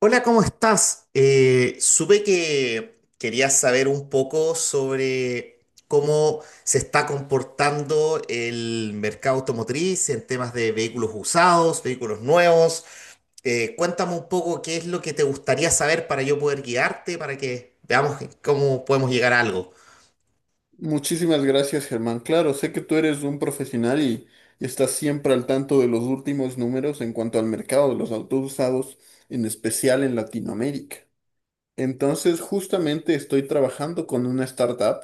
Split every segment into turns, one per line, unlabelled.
Hola, ¿cómo estás? Supe que querías saber un poco sobre cómo se está comportando el mercado automotriz en temas de vehículos usados, vehículos nuevos. Cuéntame un poco qué es lo que te gustaría saber para yo poder guiarte, para que veamos cómo podemos llegar a algo.
Muchísimas gracias, Germán. Claro, sé que tú eres un profesional y estás siempre al tanto de los últimos números en cuanto al mercado de los autos usados, en especial en Latinoamérica. Entonces, justamente estoy trabajando con una startup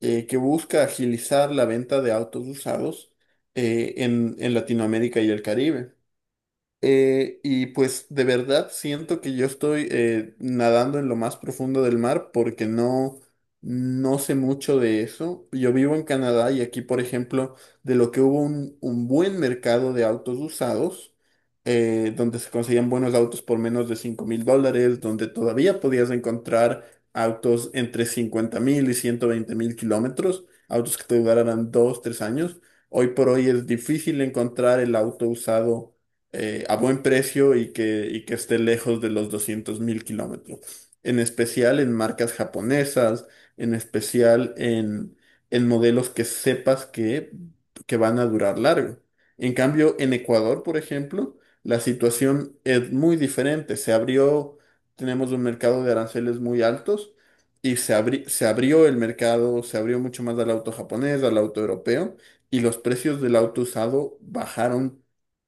que busca agilizar la venta de autos usados en Latinoamérica y el Caribe. Y pues de verdad siento que yo estoy nadando en lo más profundo del mar porque no sé mucho de eso. Yo vivo en Canadá y aquí, por ejemplo, de lo que hubo un buen mercado de autos usados, donde se conseguían buenos autos por menos de $5.000, donde todavía podías encontrar autos entre 50.000 y 120.000 kilómetros, autos que te duraran 2 3 años. Hoy por hoy es difícil encontrar el auto usado a buen precio y que esté lejos de los 200.000 kilómetros. En especial en marcas japonesas, en especial en modelos que sepas que van a durar largo. En cambio, en Ecuador, por ejemplo, la situación es muy diferente. Se abrió, tenemos un mercado de aranceles muy altos y se abrió el mercado, se abrió mucho más al auto japonés, al auto europeo y los precios del auto usado bajaron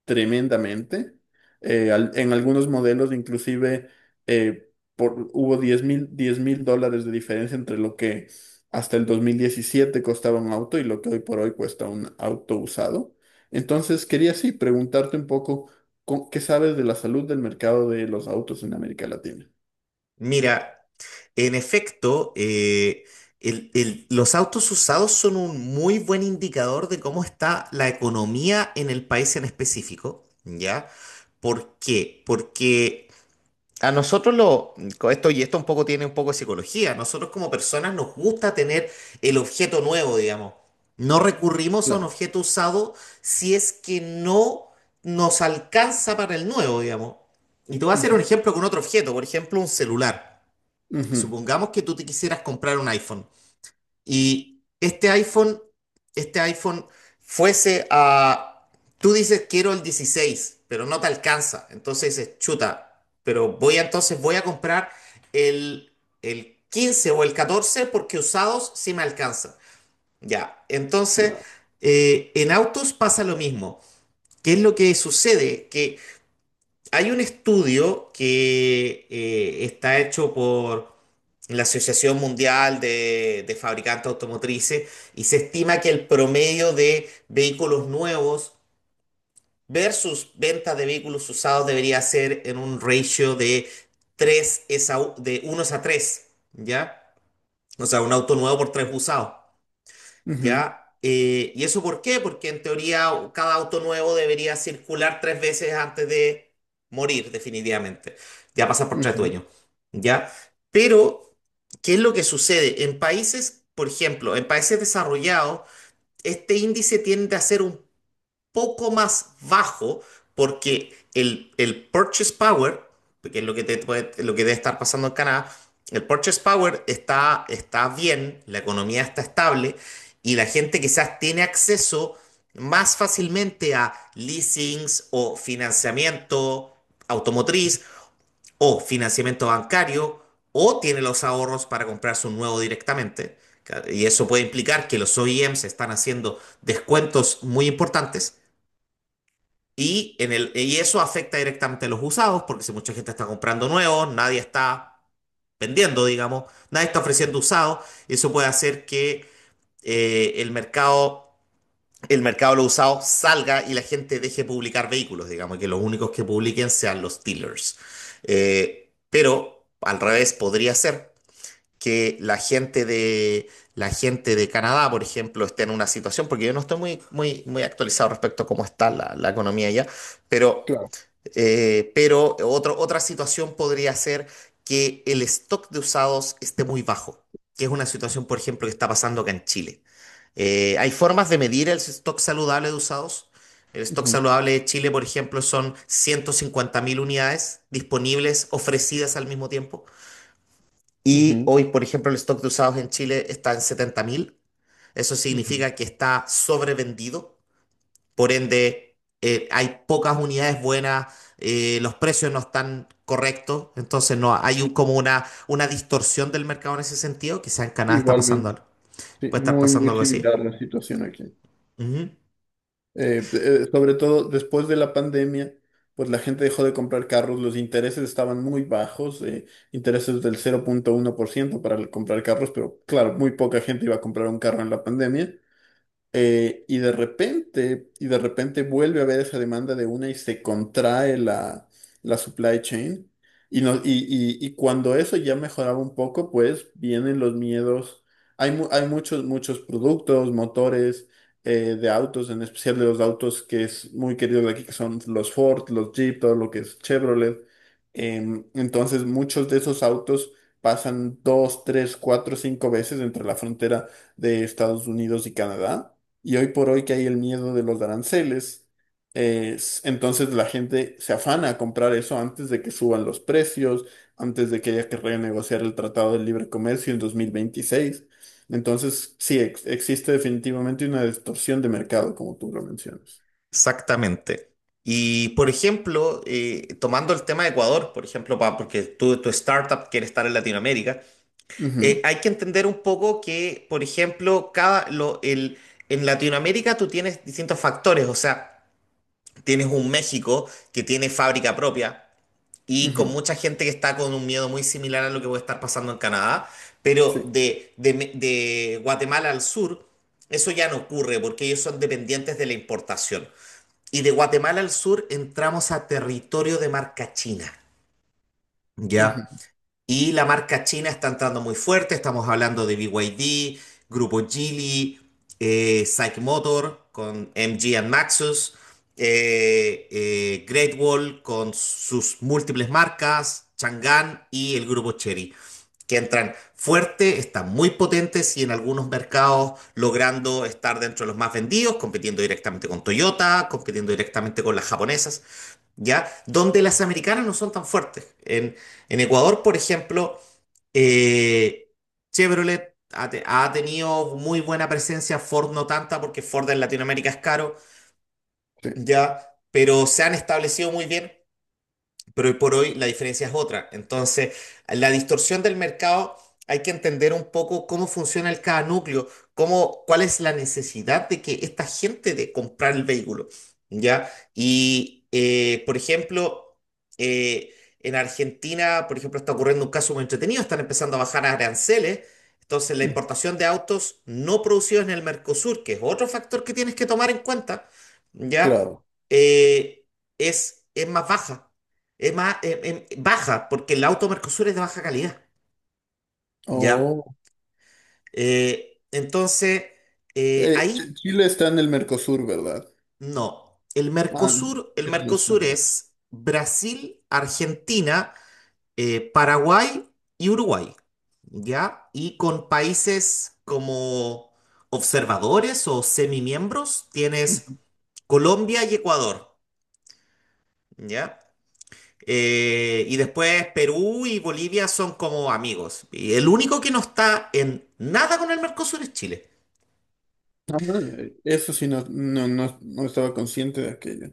tremendamente. En algunos modelos inclusive eh, hubo $10.000 de diferencia entre lo que hasta el 2017 costaba un auto y lo que hoy por hoy cuesta un auto usado. Entonces quería sí preguntarte un poco qué sabes de la salud del mercado de los autos en América Latina.
Mira. En efecto, los autos usados son un muy buen indicador de cómo está la economía en el país en específico, ¿ya? ¿Por qué? Porque a nosotros lo, con esto y esto un poco tiene un poco de psicología, a nosotros como personas nos gusta tener el objeto nuevo, digamos. No recurrimos a un
Claro,
objeto usado si es que no nos alcanza para el nuevo, digamos. Y te voy a hacer un
ujú,
ejemplo con otro objeto, por ejemplo, un celular.
ujú,
Supongamos que tú te quisieras comprar un iPhone y este iPhone fuese a... Tú dices quiero el 16, pero no te alcanza. Entonces dices, chuta, pero voy a entonces voy a comprar el, el 15 o el 14 porque usados sí me alcanza. Ya, entonces
claro,
en autos pasa lo mismo. ¿Qué es lo que sucede? Que hay un estudio que está hecho por la Asociación Mundial de Fabricantes Automotrices y se estima que el promedio de vehículos nuevos versus ventas de vehículos usados debería ser en un ratio de 3 es a u- de uno es a tres, ¿ya? O sea, un auto nuevo por 3 usados.
ujú,
¿Ya? ¿Y eso por qué? Porque en teoría cada auto nuevo debería circular tres veces antes de morir, definitivamente. Ya pasa por tres
ujú,
dueños, ¿ya? Pero, ¿qué es lo que sucede? En países, por ejemplo, en países desarrollados, este índice tiende a ser un poco más bajo porque el purchase power, que es lo que, lo que debe estar pasando en Canadá, el purchase power está, está bien, la economía está estable y la gente quizás tiene acceso más fácilmente a leasings o financiamiento automotriz o financiamiento bancario o tiene los ahorros para comprarse un nuevo directamente. Y eso puede implicar que los OEMs están haciendo descuentos muy importantes. Y, en el, y eso afecta directamente a los usados, porque si mucha gente está comprando nuevos, nadie está vendiendo, digamos, nadie está ofreciendo usados, y eso puede hacer que eh, el mercado, el mercado de los usados salga y la gente deje publicar vehículos, digamos, y que los únicos que publiquen sean los dealers. Pero al revés podría ser, que la gente de Canadá, por ejemplo, esté en una situación, porque yo no estoy muy, muy, muy actualizado respecto a cómo está la, la economía allá, pero,
claro.
pero otro- otra situación podría ser que el stock de usados esté muy bajo, que es una situación, por ejemplo, que está pasando acá en Chile. Hay formas de medir el stock saludable de usados. El stock
Ujú,
saludable de Chile, por ejemplo, son 150.000 unidades disponibles, ofrecidas al mismo tiempo. Y
ujú,
hoy, por ejemplo, el stock de usados en Chile está en 70.000. Eso
ujú.
significa que está sobrevendido. Por ende, hay pocas unidades buenas, los precios no están correctos. Entonces, no hay un- como una distorsión del mercado en ese sentido. Quizá en Canadá está pasando
Igualmente.
algo.
Sí,
Puede estar
muy,
pasando
muy
algo así.
similar la situación aquí.
Ujú.
Sobre todo después de la pandemia, pues la gente dejó de comprar carros, los intereses estaban muy bajos, intereses del 0,1% para comprar carros, pero claro, muy poca gente iba a comprar un carro en la pandemia. Y de repente, vuelve a haber esa demanda de una y se contrae la supply chain. Y, no, y cuando eso ya mejoraba un poco, pues vienen los miedos. Hay muchos productos, motores de autos, en especial de los autos que es muy querido de aquí, que son los Ford, los Jeep, todo lo que es Chevrolet. Entonces, muchos de esos autos pasan dos, tres, cuatro, cinco veces entre la frontera de Estados Unidos y Canadá. Y hoy por hoy que hay el miedo de los aranceles, entonces la gente se afana a comprar eso antes de que suban los precios, antes de que haya que renegociar el Tratado de Libre Comercio en 2026. Entonces, sí, existe definitivamente una distorsión de mercado, como tú lo mencionas.
Exactamente. Y, por ejemplo, tomando el tema de Ecuador, por ejemplo, porque tu startup quiere estar en Latinoamérica,
Ujú,
hay que entender un poco que, por ejemplo, cada, lo, el, en Latinoamérica tú tienes distintos factores, o sea, tienes un México que tiene fábrica propia y con
ujú,
mucha gente que está con un miedo muy similar a lo que puede estar pasando en Canadá, pero
sí,
de, de Guatemala al sur, eso ya no ocurre porque ellos son dependientes de la importación. Y de Guatemala al sur entramos a territorio de marca china. ¿Ya?
ujú,
Y la marca china está entrando muy fuerte. Estamos hablando de BYD, Grupo Geely, Psych Motor con MG and Maxus, Great Wall con sus múltiples marcas, Chang'an y el Grupo Chery, que entran fuerte, están muy potentes y en algunos mercados logrando estar dentro de los más vendidos, compitiendo directamente con Toyota, compitiendo directamente con las japonesas. ¿Ya? Donde las americanas no son tan fuertes. En Ecuador, por ejemplo, eh, Chevrolet ha tenido muy buena presencia, Ford no tanta, porque Ford en Latinoamérica es caro,
sí,
¿ya? Pero se han establecido muy bien, pero hoy por hoy la diferencia es otra. Entonces, la distorsión del mercado hay que entender un poco cómo funciona el cada núcleo, cómo, cuál es la necesidad de que esta gente de comprar el vehículo, ¿ya? Y, por ejemplo, eh, en Argentina, por ejemplo, está ocurriendo un caso muy entretenido, están empezando a bajar aranceles. Entonces, la
ujú,
importación de autos no producidos en el Mercosur, que es otro factor que tienes que tomar en cuenta, ¿ya?
claro.
Eh, es más baja, es más, baja, porque el auto Mercosur es de baja calidad, ¿ya?
Oh.
Entonces, ahí
Chile está en el Mercosur, ¿verdad?
no.
Ah.
El
Chile no está en
Mercosur
el
es Brasil, Argentina, Paraguay y Uruguay, ¿ya? Y con países como observadores o semimiembros tienes
Mercosur.
Colombia y Ecuador, ¿ya? Y después Perú y Bolivia son como amigos. Y el único que no está en nada con el Mercosur es Chile.
Ah. Eso sí, no, no, no, no estaba consciente de aquello.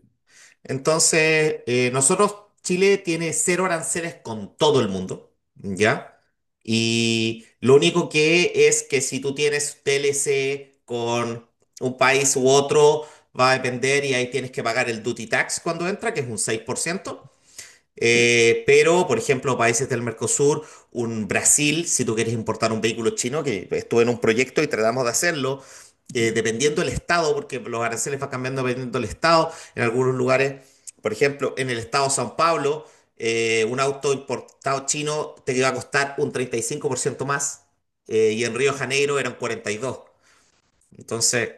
Entonces, nosotros, Chile tiene cero aranceles con todo el mundo, ¿ya? Y lo único que es que si tú tienes TLC con un país u otro, va a depender y ahí tienes que pagar el duty tax cuando entra, que es un 6%.
Sí,
Pero, por ejemplo, países del Mercosur, un Brasil, si tú quieres importar un vehículo chino, que estuve en un proyecto y tratamos de hacerlo, dependiendo del estado, porque los aranceles van cambiando dependiendo del estado. En algunos lugares, por ejemplo, en el estado de São Paulo, un auto importado chino te iba a costar un 35% más, y en Río de Janeiro eran 42%. Entonces,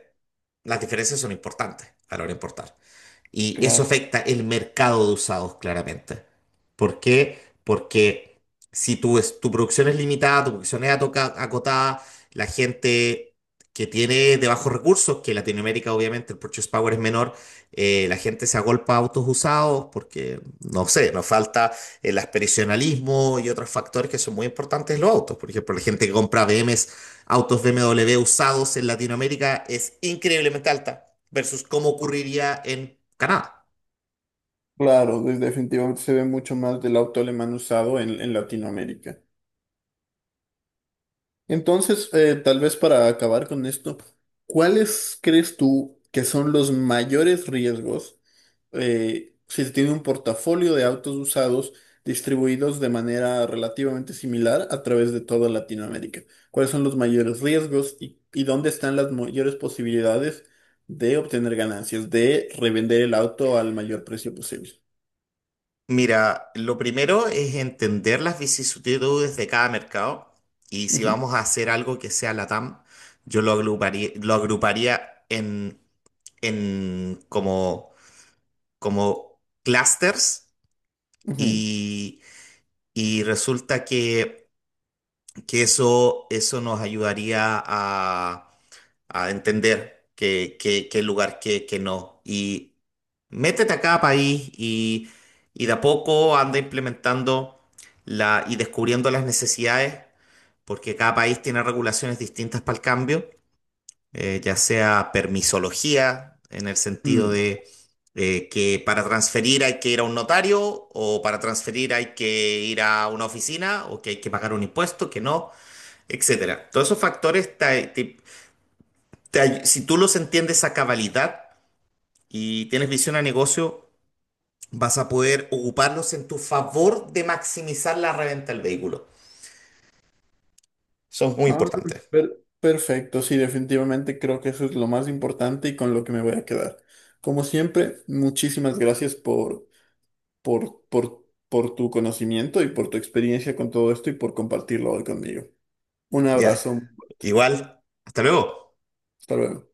las diferencias son importantes a la hora de importar. Y eso
claro.
afecta el mercado de usados, claramente. ¿Por qué? Porque si tu, tu producción es limitada, tu producción es atoca- acotada, la gente que tiene de bajos recursos, que en Latinoamérica obviamente el purchase power es menor, la gente se agolpa a autos usados porque, no sé, nos falta el aspiracionalismo y otros factores que son muy importantes en los autos. Por ejemplo, la gente que compra BMWs, autos BMW usados en Latinoamérica es increíblemente alta versus cómo ocurriría en Canadá.
Claro, definitivamente se ve mucho más del auto alemán usado en Latinoamérica. Entonces, tal vez para acabar con esto, ¿cuáles crees tú que son los mayores riesgos? Se tiene un portafolio de autos usados distribuidos de manera relativamente similar a través de toda Latinoamérica. ¿Cuáles son los mayores riesgos y dónde están las mayores posibilidades de obtener ganancias, de revender el auto al mayor precio posible?
Mira, lo primero es entender las vicisitudes de cada mercado y si
Ujú,
vamos a hacer algo que sea LATAM, yo lo agruparía en como, como clusters
ujú.
y, y resulta que eso nos ayudaría a entender qué, qué, qué lugar, qué, qué no. Y métete a cada país y de a poco anda implementando la, y descubriendo las necesidades, porque cada país tiene regulaciones distintas para el cambio, ya sea permisología, en el sentido
Mm.
de que para transferir hay que ir a un notario, o para transferir hay que ir a una oficina, o que hay que pagar un impuesto, que no, etcétera. Todos esos factores te, te si tú los entiendes a cabalidad y tienes visión a negocio, vas a poder ocuparlos en tu favor de maximizar la reventa del vehículo. Son muy
Ah,
importantes.
perfecto, sí, definitivamente creo que eso es lo más importante y con lo que me voy a quedar. Como siempre, muchísimas gracias por tu conocimiento y por tu experiencia con todo esto y por compartirlo hoy conmigo. Un
Ya.
abrazo,
Igual. Hasta luego.
hasta luego.